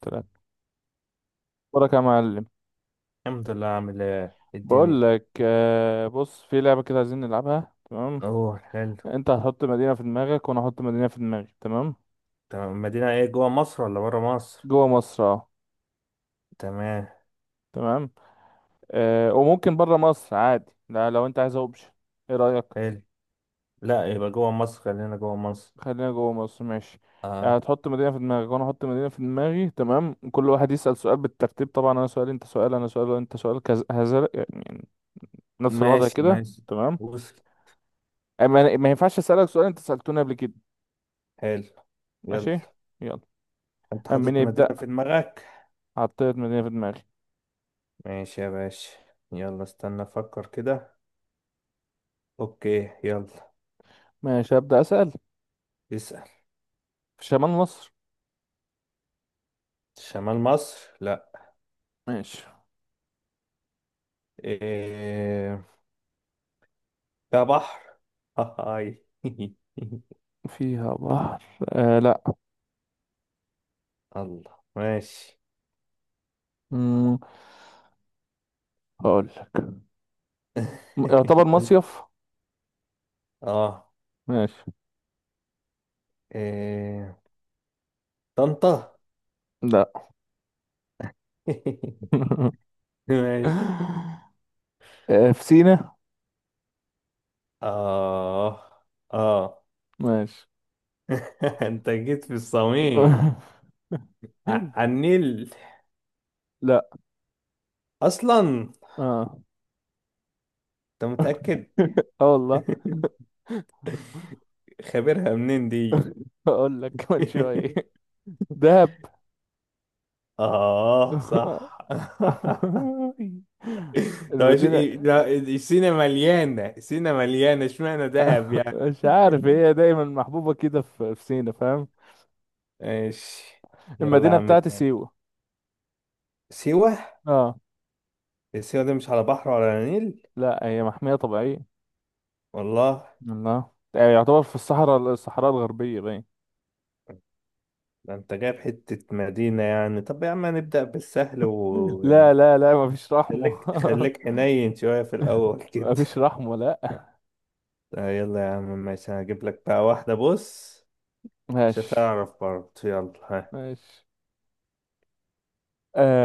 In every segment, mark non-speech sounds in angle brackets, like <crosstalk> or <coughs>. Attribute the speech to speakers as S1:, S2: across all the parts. S1: تلاتة. أخبارك يا معلم؟
S2: الحمد لله. عامل ايه؟ إيه الدنيا؟
S1: بقول لك بص، في لعبة كده عايزين نلعبها، تمام؟
S2: اوه، حلو.
S1: أنت هتحط مدينة في دماغك وأنا هحط مدينة في دماغي، تمام.
S2: تمام. المدينة ايه، جوه مصر ولا برا مصر؟
S1: جوه مصر، أه.
S2: تمام.
S1: تمام. وممكن بره مصر عادي، لا لو أنت عايز أوبشن. إيه رأيك؟
S2: حلو. لا، يبقى جوه مصر، خلينا جوه مصر.
S1: خلينا جوه مصر، ماشي.
S2: اه.
S1: هتحط مدينة في دماغك وأنا هحط مدينة في دماغي، تمام. كل واحد يسأل سؤال بالترتيب، طبعا أنا سؤال أنت سؤال أنا سؤال أنت سؤال كذا، هذا يعني نفس الوضع
S2: ماشي،
S1: كده،
S2: ماشي.
S1: تمام.
S2: وصل.
S1: أما- ما ينفعش أسألك سؤال أنت سألتوني قبل كده.
S2: حلو. يلا.
S1: ماشي، يلا.
S2: انت
S1: أما
S2: حاطط
S1: نبدأ،
S2: مدينة في دماغك.
S1: حطيت مدينة في دماغي.
S2: ماشي يا باشا. يلا، استنى افكر كده. اوكي، يلا.
S1: ماشي، هبدأ أسأل.
S2: اسأل.
S1: في شمال مصر؟
S2: شمال مصر؟ لا.
S1: ماشي.
S2: ايه، ده بحر؟ هاي <laughs>
S1: فيها بحر؟ لا.
S2: الله، ماشي.
S1: مم. هقول، يعتبر
S2: <laughs>
S1: مصيف.
S2: اه.
S1: ماشي.
S2: إيه... طنطا.
S1: لا.
S2: <laughs>
S1: <laughs>
S2: ماشي.
S1: في سينا.
S2: آه، آه.
S1: ماشي.
S2: <laughs> أنت جيت في الصميم.
S1: <laughs>
S2: على النيل
S1: لا.
S2: أصلا.
S1: اه.
S2: أنت متأكد؟
S1: <laughs> اه والله.
S2: <laughs> خبرها منين دي؟
S1: <laughs> هقول لك كمان شوية.
S2: <laughs>
S1: دهب.
S2: آه، صح. <laughs> طب،
S1: المدينة.
S2: لا، سينا مليانة، سينا مليانة، اشمعنى دهب
S1: <laughs>
S2: يعني؟
S1: مش عارف، هي
S2: <laughs>
S1: دايما محبوبة كده في سينا، فاهم.
S2: ماشي. يلا يا
S1: المدينة
S2: عم،
S1: بتاعت
S2: تاني.
S1: سيوة.
S2: سيوة.
S1: اه.
S2: سيوة دي مش على بحر ولا على نيل؟
S1: لا، هي محمية طبيعية.
S2: والله؟
S1: الله، يعني يعتبر في الصحراء، الصحراء الغربية، باين.
S2: ده انت جايب حتة مدينة يعني، طب يا عم نبدأ بالسهل ويعني،
S1: لا لا لا، مفيش رحمة.
S2: خليك خليك حنين شوية في
S1: <laughs>
S2: الأول كده.
S1: مفيش
S2: <laughs>
S1: رحمة، لا.
S2: آه، يلا يا عم ماشي، هجيب لك بقى واحدة، بص. مش
S1: ماشي،
S2: هتعرف برضه، يلا ها.
S1: ماشي.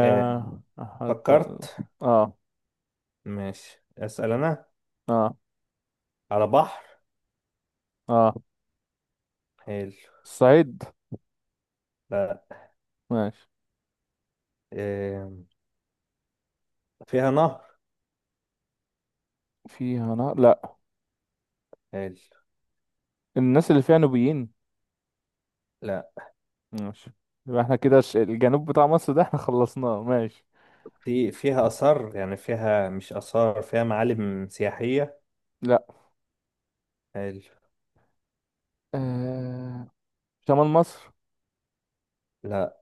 S2: آه،
S1: حتى.
S2: فكرت.
S1: اه.
S2: ماشي، أسأل أنا.
S1: اه.
S2: على بحر؟
S1: اه.
S2: حلو.
S1: الصعيد.
S2: لا.
S1: ماشي.
S2: آه، فيها نهر؟
S1: فيها نار، لا.
S2: حلو.
S1: الناس اللي فيها نوبيين.
S2: لا.
S1: ماشي. يبقى احنا كده الجنوب بتاع مصر ده احنا خلصناه. ماشي.
S2: فيها آثار يعني، فيها مش آثار، فيها معالم سياحية؟
S1: لا.
S2: حلو.
S1: آه شمال مصر.
S2: لا.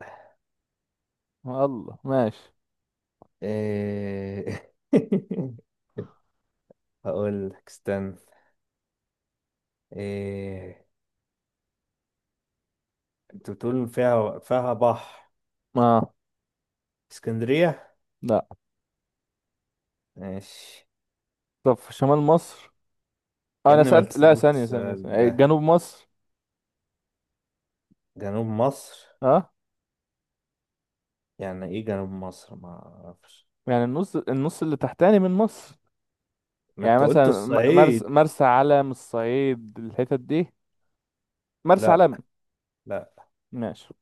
S1: الله، ماشي.
S2: آه، <laughs> هقول لك استنى. إيه، انت بتقول فيها بحر؟
S1: اه.
S2: اسكندرية؟
S1: لا.
S2: ماشي.
S1: طب في شمال مصر.
S2: يا
S1: انا
S2: ابني ما
S1: سألت، لا،
S2: تسأل
S1: ثانية ثانية ثانية.
S2: السؤال
S1: إيه،
S2: ده.
S1: جنوب مصر.
S2: جنوب مصر؟
S1: ها.
S2: يعني ايه جنوب مصر؟ ما اعرفش.
S1: يعني النص، النص اللي تحتاني من مصر.
S2: ما
S1: يعني
S2: انت قلت
S1: مثلا
S2: الصعيد.
S1: مرسى علم، الصعيد، الحتت دي. مرسى
S2: لا،
S1: علم.
S2: لا.
S1: ماشي.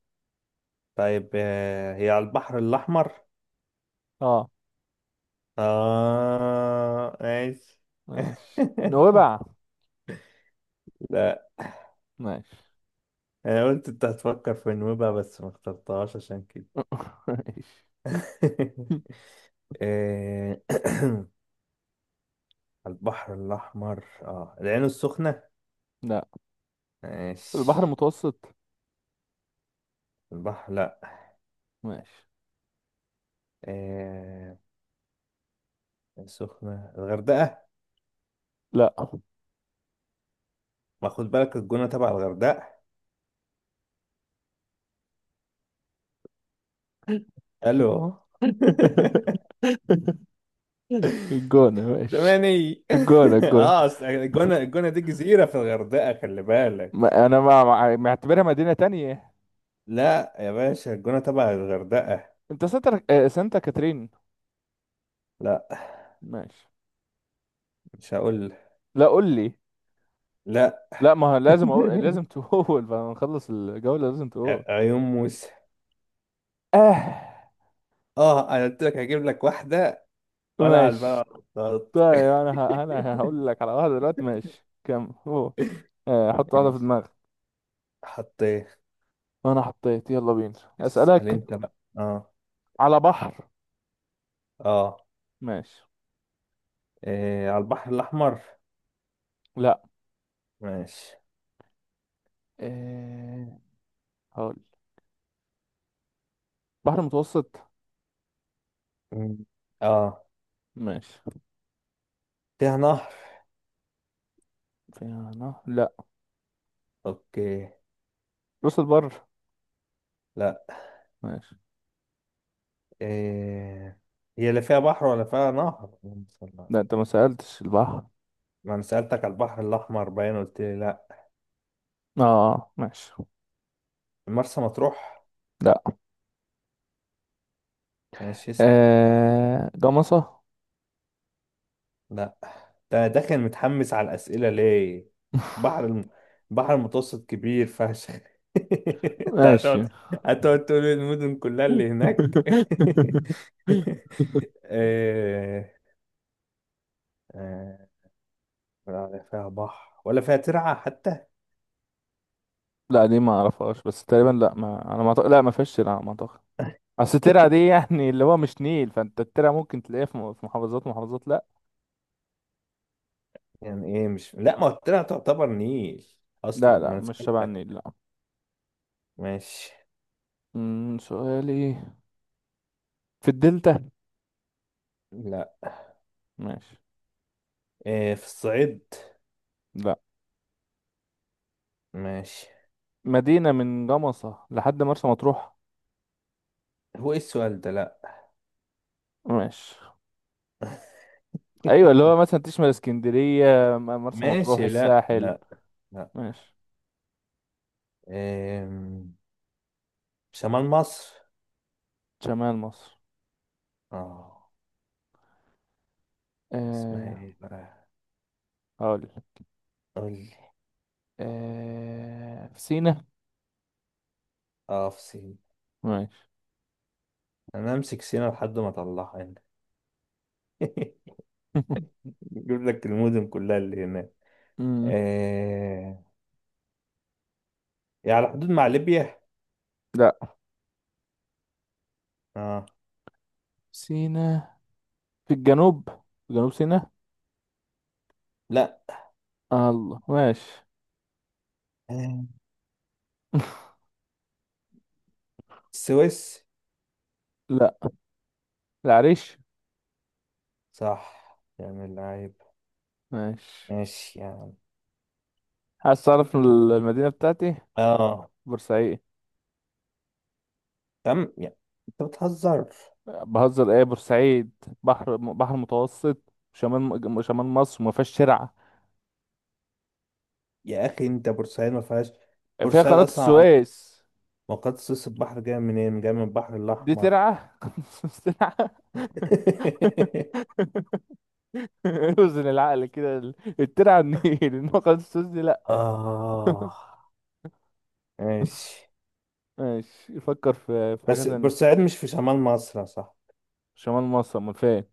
S2: طيب، آه، هي على البحر الأحمر؟
S1: اه،
S2: اه، ماشي.
S1: ماشي.
S2: <laughs>
S1: نوبع.
S2: لا،
S1: ماشي.
S2: انا قلت انت هتفكر في نوبة بس ما اخترتهاش عشان كده.
S1: <laughs> ماشي
S2: <laughs> إيه <clears throat> <coughs> البحر الأحمر، اه، العين السخنة؟
S1: لا. البحر
S2: ماشي.
S1: المتوسط.
S2: البحر؟ لا.
S1: ماشي.
S2: آه. السخنة، الغردقة؟
S1: لا. <laughs>
S2: ما خد بالك الجونة تبع الغردقة، الو <laughs>
S1: الجونة. ماشي.
S2: زماني.
S1: الجونة،
S2: <laughs>
S1: الجونة،
S2: اه، أصل الجونة، الجونة دي جزيرة في الغردقة، خلي بالك.
S1: ما انا معتبرها مدينة تانية.
S2: لا يا باشا، الجونة تبع الغردقة.
S1: انت سانتا كاترين.
S2: لا،
S1: ماشي.
S2: مش هقول.
S1: لا، قول لي.
S2: لا.
S1: لا ما هو
S2: <laughs>
S1: لازم أقول، لازم تقول. <laughs> بعد ما نخلص الجولة لازم تقول.
S2: عيون موسى.
S1: اه.
S2: اه، انا قلت لك هجيب لك واحدة. ولا على
S1: ماشي.
S2: البلد <laughs> ولا على الخطاط.
S1: طيب، انا هقول لك على واحدة دلوقتي، ماشي كم هو. حط واحدة في
S2: ماشي.
S1: دماغك.
S2: حطيت.
S1: انا حطيت، يلا بينا.
S2: اسأل
S1: اسألك.
S2: انت بقى. اه،
S1: على بحر؟
S2: اه.
S1: ماشي.
S2: إيه، على البحر الأحمر؟
S1: لا.
S2: ماشي.
S1: آه هقول بحر متوسط.
S2: مم. اه.
S1: ماشي.
S2: فيها نهر؟
S1: في نهر، لا.
S2: اوكي.
S1: راس البر.
S2: لا.
S1: ماشي.
S2: إيه، هي اللي فيها بحر ولا فيها نهر، اللهم صل على-
S1: لا، انت ما سألتش البحر.
S2: ما انا سألتك على البحر الأحمر باين، قلت لي لا.
S1: اه، ماشي.
S2: مرسى مطروح؟
S1: لا.
S2: ماشي.
S1: جمصة.
S2: لا. ده انا داخل متحمس على الأسئلة ليه؟ بحر الم... بحر المتوسط كبير فشخ. <laughs>
S1: <laughs>
S2: انت
S1: ماشي.
S2: هتقعد تقول لي المدن كلها اللي هناك؟
S1: <laughs>
S2: <laughs> آه، آه، ولا فيها بحر ولا فيها ترعة حتى؟
S1: لا، دي ما اعرفهاش بس تقريبا، لا، ما انا ما أعتقد- لا ما فيش، لا ما اعتقد. اصل ترعه دي يعني اللي هو مش نيل، فانت الترعه ممكن تلاقيها في في محافظات ومحافظات، لا.
S2: <laughs> يعني ايه مش، لا ما هو الترعة تعتبر نيل
S1: لا
S2: اصلا، ما
S1: لا،
S2: انا
S1: مش شبه النيل،
S2: سألتك.
S1: لا.
S2: ماشي.
S1: سؤالي، في الدلتا؟
S2: لا.
S1: ماشي.
S2: إيه، في الصعيد؟
S1: لا.
S2: ماشي.
S1: مدينه من جمصه لحد مرسى مطروح.
S2: هو ايه السؤال ده؟ لا.
S1: ماشي. ايوه، اللي
S2: <laughs>
S1: هو مثلا تشمل اسكندريه، مرسى مطروح،
S2: ماشي. لا،
S1: الساحل.
S2: لا، لا.
S1: ماشي.
S2: إيه، شمال مصر؟
S1: شمال مصر.
S2: اه. اسمها
S1: آه
S2: ايه بقى؟
S1: هقول.
S2: قول لي.
S1: في سينا.
S2: اه، في سينا.
S1: ماشي.
S2: انا امسك سينا لحد ما اطلعها هنا. <laughs>
S1: <laughs>
S2: اجيب لك المدن كلها اللي هناك.
S1: أمم،
S2: آه. يعني على حدود مع ليبيا؟
S1: لا،
S2: اه.
S1: سينا في الجنوب، في جنوب سيناء.
S2: لا.
S1: الله، ماشي.
S2: آه،
S1: <laughs>
S2: السويس؟
S1: لا. العريش.
S2: صح يعني العيب.
S1: ماشي.
S2: ماشي يعني.
S1: عايز تعرف
S2: قول.
S1: المدينة بتاعتي؟
S2: اه.
S1: بورسعيد.
S2: تم يعني. انت بتهزر؟
S1: بهزر ايه؟ بورسعيد، بحر، بحر متوسط، شمال مصر، ما فيهاش ترعة.
S2: يا اخي انت، بورسعيد ما فيهاش،
S1: فيها
S2: بورسعيد
S1: قناة
S2: اصلا
S1: السويس،
S2: مقاط سويس، البحر جاي منين، جاي من البحر
S1: دي
S2: الاحمر.
S1: ترعة؟ <laughs> قناة السويس ترعة؟ <laughs> اوزن العقل كده، الترعة النيل. <laughs> انما قناة السويس دي
S2: <laughs>
S1: لا.
S2: آه، ماشي.
S1: <laughs> ماشي، يفكر في حاجة
S2: بس
S1: تانية.
S2: بورسعيد مش في شمال مصر صح؟
S1: شمال مصر ما فيهاش،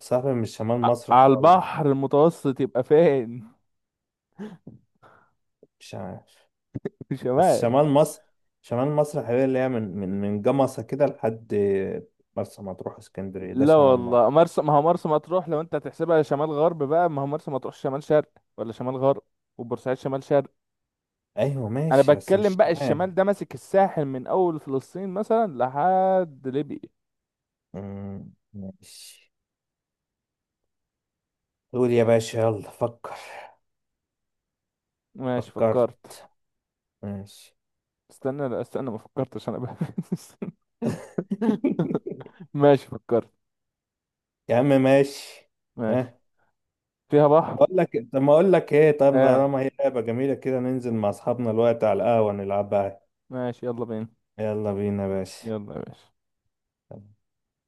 S2: صح، مش شمال مصر
S1: على
S2: خالص.
S1: البحر المتوسط يبقى فين؟
S2: مش عارف.
S1: <laughs>
S2: بس
S1: شمال.
S2: شمال مصر، شمال مصر حبيبي اللي هي من جمصة كده لحد مرسى مطروح، اسكندرية، ده
S1: لا
S2: شمال مصر.
S1: والله، مرسى، ما هو مرسى مطروح لو انت هتحسبها شمال غرب بقى، ما هو مرسى مطروح شمال شرق ولا شمال غرب، وبورسعيد شمال شرق.
S2: ايوه،
S1: انا
S2: ماشي، بس
S1: بتكلم
S2: مش
S1: بقى الشمال
S2: شمال.
S1: ده ماسك الساحل من اول فلسطين مثلا لحد ليبيا.
S2: ماشي. قول يا باشا، يلا فكر.
S1: ماشي، فكرت.
S2: فكرت؟ ماشي.
S1: استنى، لا استنى، ما فكرتش انا بقى.
S2: <laughs>
S1: <laughs> ماشي، فكرت.
S2: يا عم، ماشي.
S1: ماشي.
S2: ها.
S1: فيها بحر.
S2: بقول لك، طب ما اقول لك ايه، طب
S1: اه،
S2: طالما هي لعبة جميلة كده، ننزل مع اصحابنا الوقت على القهوة نلعبها.
S1: ماشي. يلا بينا.
S2: يلا بينا يا باشا.
S1: يلا يا باشا.
S2: طب.